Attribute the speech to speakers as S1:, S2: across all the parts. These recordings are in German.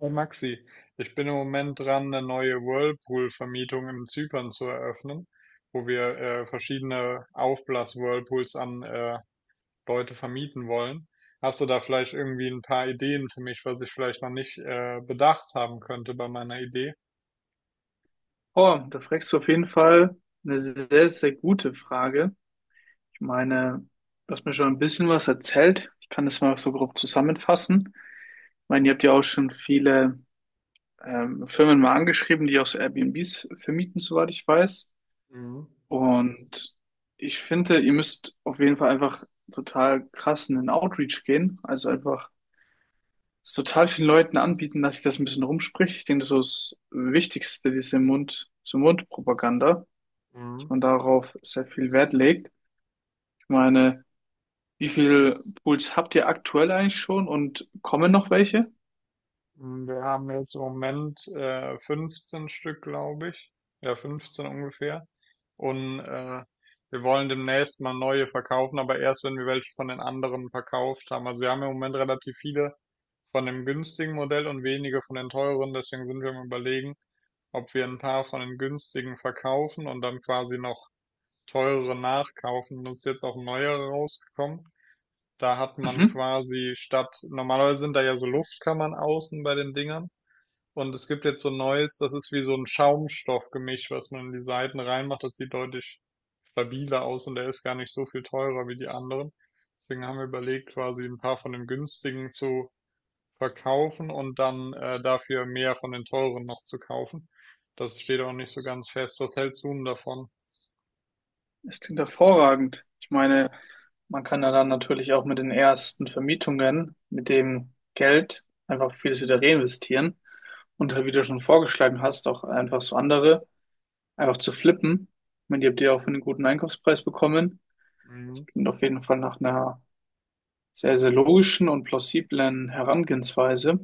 S1: Hey Maxi, ich bin im Moment dran, eine neue Whirlpool-Vermietung in Zypern zu eröffnen, wo wir verschiedene Aufblas-Whirlpools an Leute vermieten wollen. Hast du da vielleicht irgendwie ein paar Ideen für mich, was ich vielleicht noch nicht bedacht haben könnte bei meiner Idee?
S2: Oh, da fragst du auf jeden Fall eine sehr, sehr gute Frage. Ich meine, du hast mir schon ein bisschen was erzählt. Ich kann das mal so grob zusammenfassen. Ich meine, ihr habt ja auch schon viele Firmen mal angeschrieben, die auch so Airbnbs vermieten, soweit ich weiß.
S1: Mhm.
S2: Und ich finde, ihr müsst auf jeden Fall einfach total krass in den Outreach gehen. Also einfach es total vielen Leuten anbieten, dass sich das ein bisschen rumspricht. Ich denke, das ist so das Wichtigste, diese Mund-zu-Mund-Propaganda, dass
S1: Mhm.
S2: man darauf sehr viel Wert legt. Ich meine, wie viele Pools habt ihr aktuell eigentlich schon und kommen noch welche?
S1: Wir haben jetzt im Moment 15 Stück, glaube ich. Ja, 15 ungefähr. Und wir wollen demnächst mal neue verkaufen, aber erst, wenn wir welche von den anderen verkauft haben. Also wir haben im Moment relativ viele von dem günstigen Modell und wenige von den teuren. Deswegen sind wir am Überlegen, ob wir ein paar von den günstigen verkaufen und dann quasi noch teurere nachkaufen. Das ist jetzt auch ein neuer rausgekommen. Da hat man
S2: Mhm.
S1: quasi statt, normalerweise sind da ja so Luftkammern außen bei den Dingern. Und es gibt jetzt so 'n neues, das ist wie so ein Schaumstoffgemisch, was man in die Seiten reinmacht. Das sieht deutlich stabiler aus und der ist gar nicht so viel teurer wie die anderen. Deswegen haben wir überlegt, quasi ein paar von den günstigen zu verkaufen und dann, dafür mehr von den teuren noch zu kaufen. Das steht auch nicht so ganz fest. Was hältst du 'n davon?
S2: Das klingt hervorragend. Ich meine, man kann ja dann natürlich auch mit den ersten Vermietungen, mit dem Geld einfach vieles wieder reinvestieren und halt, wie du schon vorgeschlagen hast, auch einfach so andere einfach zu flippen. Ich meine, die habt ihr auch für einen guten Einkaufspreis bekommen. Das
S1: Mhm.
S2: klingt auf jeden Fall nach einer sehr, sehr logischen und plausiblen Herangehensweise.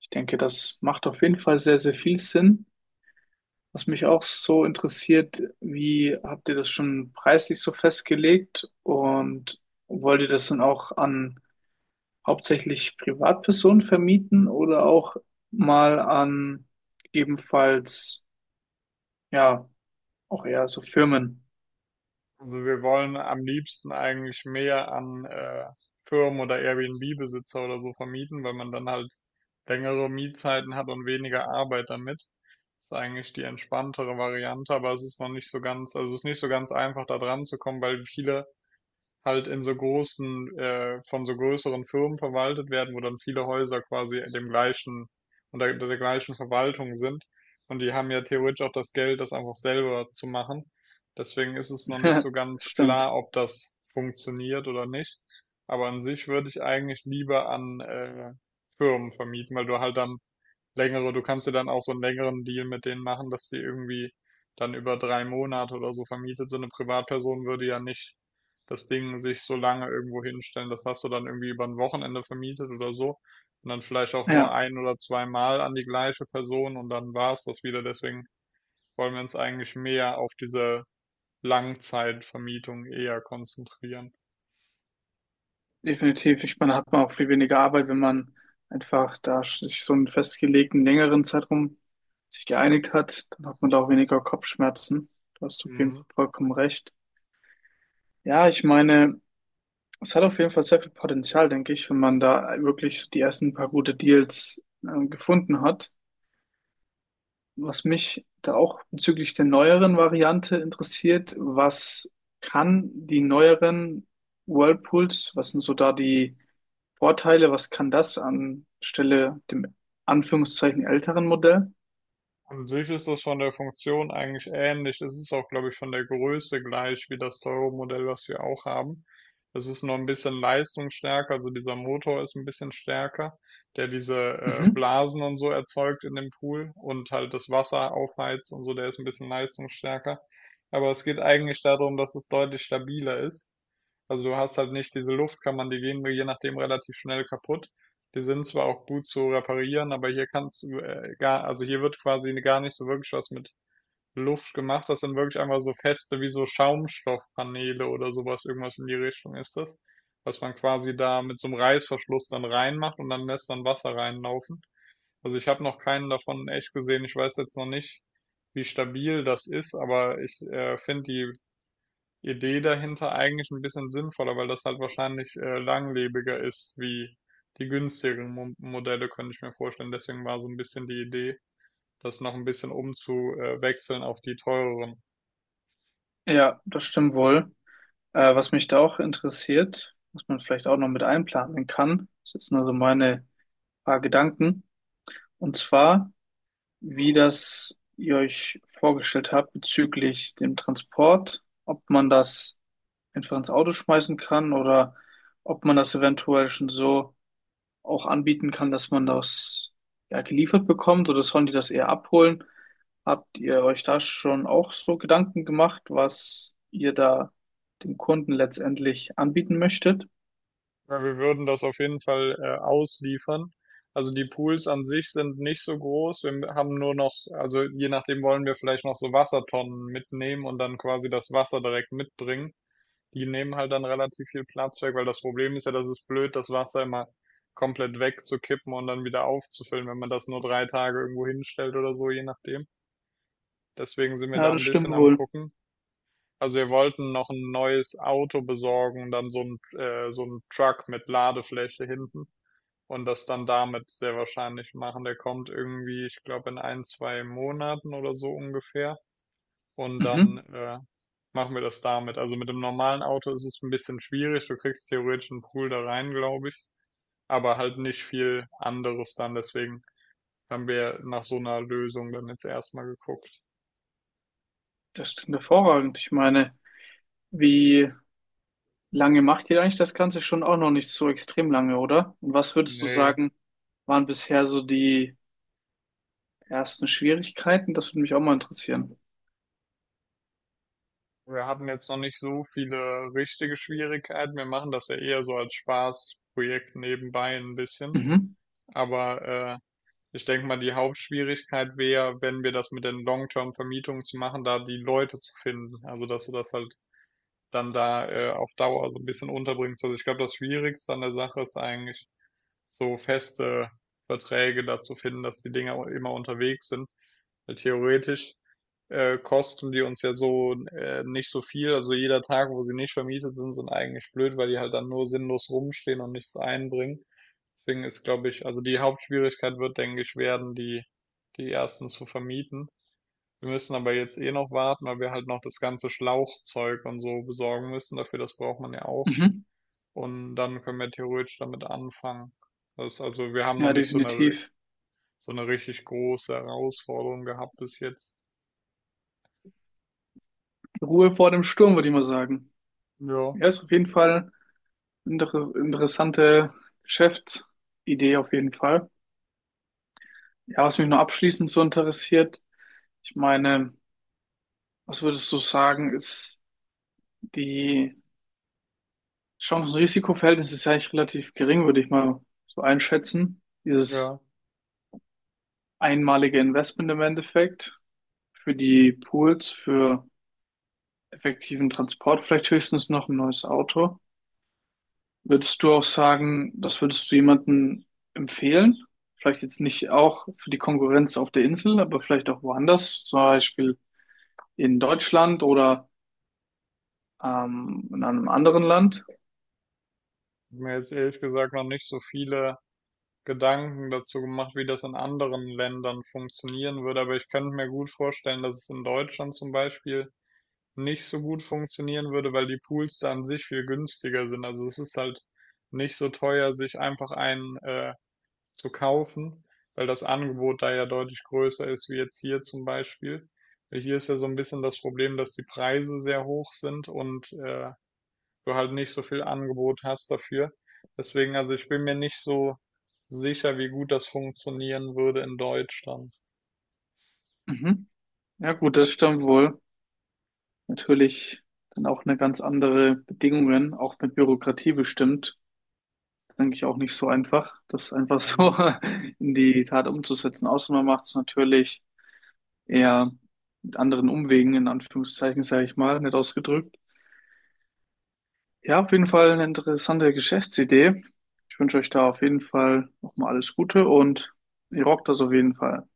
S2: Ich denke, das macht auf jeden Fall sehr, sehr viel Sinn. Was mich auch so interessiert, wie habt ihr das schon preislich so festgelegt und wollt ihr das dann auch an hauptsächlich Privatpersonen vermieten oder auch mal an ebenfalls, ja, auch eher so Firmen?
S1: Also wir wollen am liebsten eigentlich mehr an Firmen oder Airbnb-Besitzer oder so vermieten, weil man dann halt längere Mietzeiten hat und weniger Arbeit damit. Ist eigentlich die entspanntere Variante, aber es ist noch nicht so ganz, also es ist nicht so ganz einfach da dran zu kommen, weil viele halt in so großen, von so größeren Firmen verwaltet werden, wo dann viele Häuser quasi dem gleichen, unter der gleichen Verwaltung sind. Und die haben ja theoretisch auch das Geld, das einfach selber zu machen. Deswegen ist es noch nicht so ganz
S2: Stimmt.
S1: klar, ob das funktioniert oder nicht. Aber an sich würde ich eigentlich lieber an Firmen vermieten, weil du halt dann Längere, du kannst dir dann auch so einen längeren Deal mit denen machen, dass die irgendwie dann über drei Monate oder so vermietet sind. Eine Privatperson würde ja nicht das Ding sich so lange irgendwo hinstellen. Das hast du dann irgendwie über ein Wochenende vermietet oder so. Und dann vielleicht auch nur
S2: Ja.
S1: ein oder zweimal an die gleiche Person und dann war es das wieder. Deswegen wollen wir uns eigentlich mehr auf diese Langzeitvermietung eher konzentrieren.
S2: Definitiv. Ich meine, hat man auch viel weniger Arbeit, wenn man einfach da sich so einen festgelegten längeren Zeitraum sich geeinigt hat, dann hat man da auch weniger Kopfschmerzen. Da hast du auf jeden
S1: Mhm.
S2: Fall vollkommen recht. Ja, ich meine, es hat auf jeden Fall sehr viel Potenzial, denke ich, wenn man da wirklich die ersten paar gute Deals gefunden hat. Was mich da auch bezüglich der neueren Variante interessiert, was kann die neueren Whirlpools, was sind so da die Vorteile, was kann das anstelle dem Anführungszeichen älteren Modell?
S1: An sich ist das von der Funktion eigentlich ähnlich. Es ist auch, glaube ich, von der Größe gleich wie das teure Modell, was wir auch haben. Es ist nur ein bisschen leistungsstärker, also dieser Motor ist ein bisschen stärker, der diese
S2: Mhm.
S1: Blasen und so erzeugt in dem Pool und halt das Wasser aufheizt und so, der ist ein bisschen leistungsstärker. Aber es geht eigentlich darum, dass es deutlich stabiler ist. Also du hast halt nicht diese Luftkammern, die gehen mir je nachdem relativ schnell kaputt. Die sind zwar auch gut zu reparieren, aber hier kannst du gar, also hier wird quasi gar nicht so wirklich was mit Luft gemacht. Das sind wirklich einfach so feste wie so Schaumstoffpaneele oder sowas, irgendwas in die Richtung ist das, was man quasi da mit so einem Reißverschluss dann reinmacht und dann lässt man Wasser reinlaufen. Also ich habe noch keinen davon in echt gesehen. Ich weiß jetzt noch nicht, wie stabil das ist, aber ich finde die Idee dahinter eigentlich ein bisschen sinnvoller, weil das halt wahrscheinlich, langlebiger ist wie die günstigeren Mo Modelle, könnte ich mir vorstellen. Deswegen war so ein bisschen die Idee, das noch ein bisschen umzuwechseln auf die teureren.
S2: Ja, das stimmt wohl. Was mich da auch interessiert, was man vielleicht auch noch mit einplanen kann, das ist jetzt nur so meine paar Gedanken. Und zwar, wie das ihr euch vorgestellt habt bezüglich dem Transport, ob man das einfach ins Auto schmeißen kann oder ob man das eventuell schon so auch anbieten kann, dass man das ja geliefert bekommt oder sollen die das eher abholen? Habt ihr euch da schon auch so Gedanken gemacht, was ihr da dem Kunden letztendlich anbieten möchtet?
S1: Weil wir würden das auf jeden Fall, ausliefern. Also, die Pools an sich sind nicht so groß. Wir haben nur noch also, je nachdem wollen wir vielleicht noch so Wassertonnen mitnehmen und dann quasi das Wasser direkt mitbringen. Die nehmen halt dann relativ viel Platz weg, weil das Problem ist ja, das ist blöd, das Wasser immer komplett wegzukippen und dann wieder aufzufüllen, wenn man das nur drei Tage irgendwo hinstellt oder so, je nachdem. Deswegen sind wir
S2: Ja,
S1: da
S2: das
S1: ein
S2: stimmt
S1: bisschen am
S2: wohl.
S1: gucken. Also wir wollten noch ein neues Auto besorgen und dann so ein Truck mit Ladefläche hinten und das dann damit sehr wahrscheinlich machen. Der kommt irgendwie, ich glaube, in ein, zwei Monaten oder so ungefähr und dann
S2: Mhm.
S1: machen wir das damit. Also mit dem normalen Auto ist es ein bisschen schwierig. Du kriegst theoretisch einen Pool da rein, glaube ich, aber halt nicht viel anderes dann. Deswegen haben wir nach so einer Lösung dann jetzt erstmal geguckt.
S2: Das klingt hervorragend. Ich meine, wie lange macht ihr eigentlich das Ganze schon, auch noch nicht so extrem lange, oder? Und was würdest du
S1: Nee,
S2: sagen, waren bisher so die ersten Schwierigkeiten? Das würde mich auch mal interessieren.
S1: wir hatten jetzt noch nicht so viele richtige Schwierigkeiten. Wir machen das ja eher so als Spaßprojekt nebenbei ein bisschen.
S2: Mhm.
S1: Aber ich denke mal, die Hauptschwierigkeit wäre, wenn wir das mit den Long-Term-Vermietungen zu machen, da die Leute zu finden. Also, dass du das halt dann da auf Dauer so ein bisschen unterbringst. Also ich glaube, das Schwierigste an der Sache ist eigentlich, so feste Verträge dazu finden, dass die Dinger immer unterwegs sind. Weil theoretisch kosten die uns ja so nicht so viel. Also jeder Tag, wo sie nicht vermietet sind, sind eigentlich blöd, weil die halt dann nur sinnlos rumstehen und nichts einbringen. Deswegen ist, glaube ich, also die Hauptschwierigkeit wird, denke ich, werden, die, die ersten zu vermieten. Wir müssen aber jetzt eh noch warten, weil wir halt noch das ganze Schlauchzeug und so besorgen müssen. Dafür, das braucht man ja auch.
S2: Mhm.
S1: Und dann können wir theoretisch damit anfangen. Das, also wir haben noch
S2: Ja,
S1: nicht so eine,
S2: definitiv.
S1: so eine richtig große Herausforderung gehabt bis jetzt.
S2: Ruhe vor dem Sturm, würde ich mal sagen.
S1: Ja,
S2: Ja, ist auf jeden Fall eine interessante Geschäftsidee auf jeden Fall. Ja, was mich noch abschließend so interessiert, ich meine, was würdest du sagen, ist die Chancen-Risiko-Verhältnis ist ja eigentlich relativ gering, würde ich mal so einschätzen. Dieses
S1: ja.
S2: einmalige Investment im Endeffekt für die Pools, für effektiven Transport, vielleicht höchstens noch ein neues Auto. Würdest du auch sagen, das würdest du jemandem empfehlen? Vielleicht jetzt nicht auch für die Konkurrenz auf der Insel, aber vielleicht auch woanders, zum Beispiel in Deutschland oder in einem anderen Land.
S1: Ich hab mir jetzt ehrlich gesagt noch nicht so viele Gedanken dazu gemacht, wie das in anderen Ländern funktionieren würde. Aber ich könnte mir gut vorstellen, dass es in Deutschland zum Beispiel nicht so gut funktionieren würde, weil die Pools da an sich viel günstiger sind. Also es ist halt nicht so teuer, sich einfach einen zu kaufen, weil das Angebot da ja deutlich größer ist, wie jetzt hier zum Beispiel. Weil hier ist ja so ein bisschen das Problem, dass die Preise sehr hoch sind und du halt nicht so viel Angebot hast dafür. Deswegen, also ich bin mir nicht so sicher, wie gut das funktionieren würde in Deutschland.
S2: Mhm. Ja gut, das stimmt wohl. Natürlich dann auch eine ganz andere Bedingungen, auch mit Bürokratie bestimmt. Denke ich auch nicht so einfach, das einfach so
S1: Mhm.
S2: in die Tat umzusetzen. Außer man macht es natürlich eher mit anderen Umwegen, in Anführungszeichen, sage ich mal, nett ausgedrückt. Ja, auf jeden Fall eine interessante Geschäftsidee. Ich wünsche euch da auf jeden Fall nochmal alles Gute und ihr rockt das auf jeden Fall.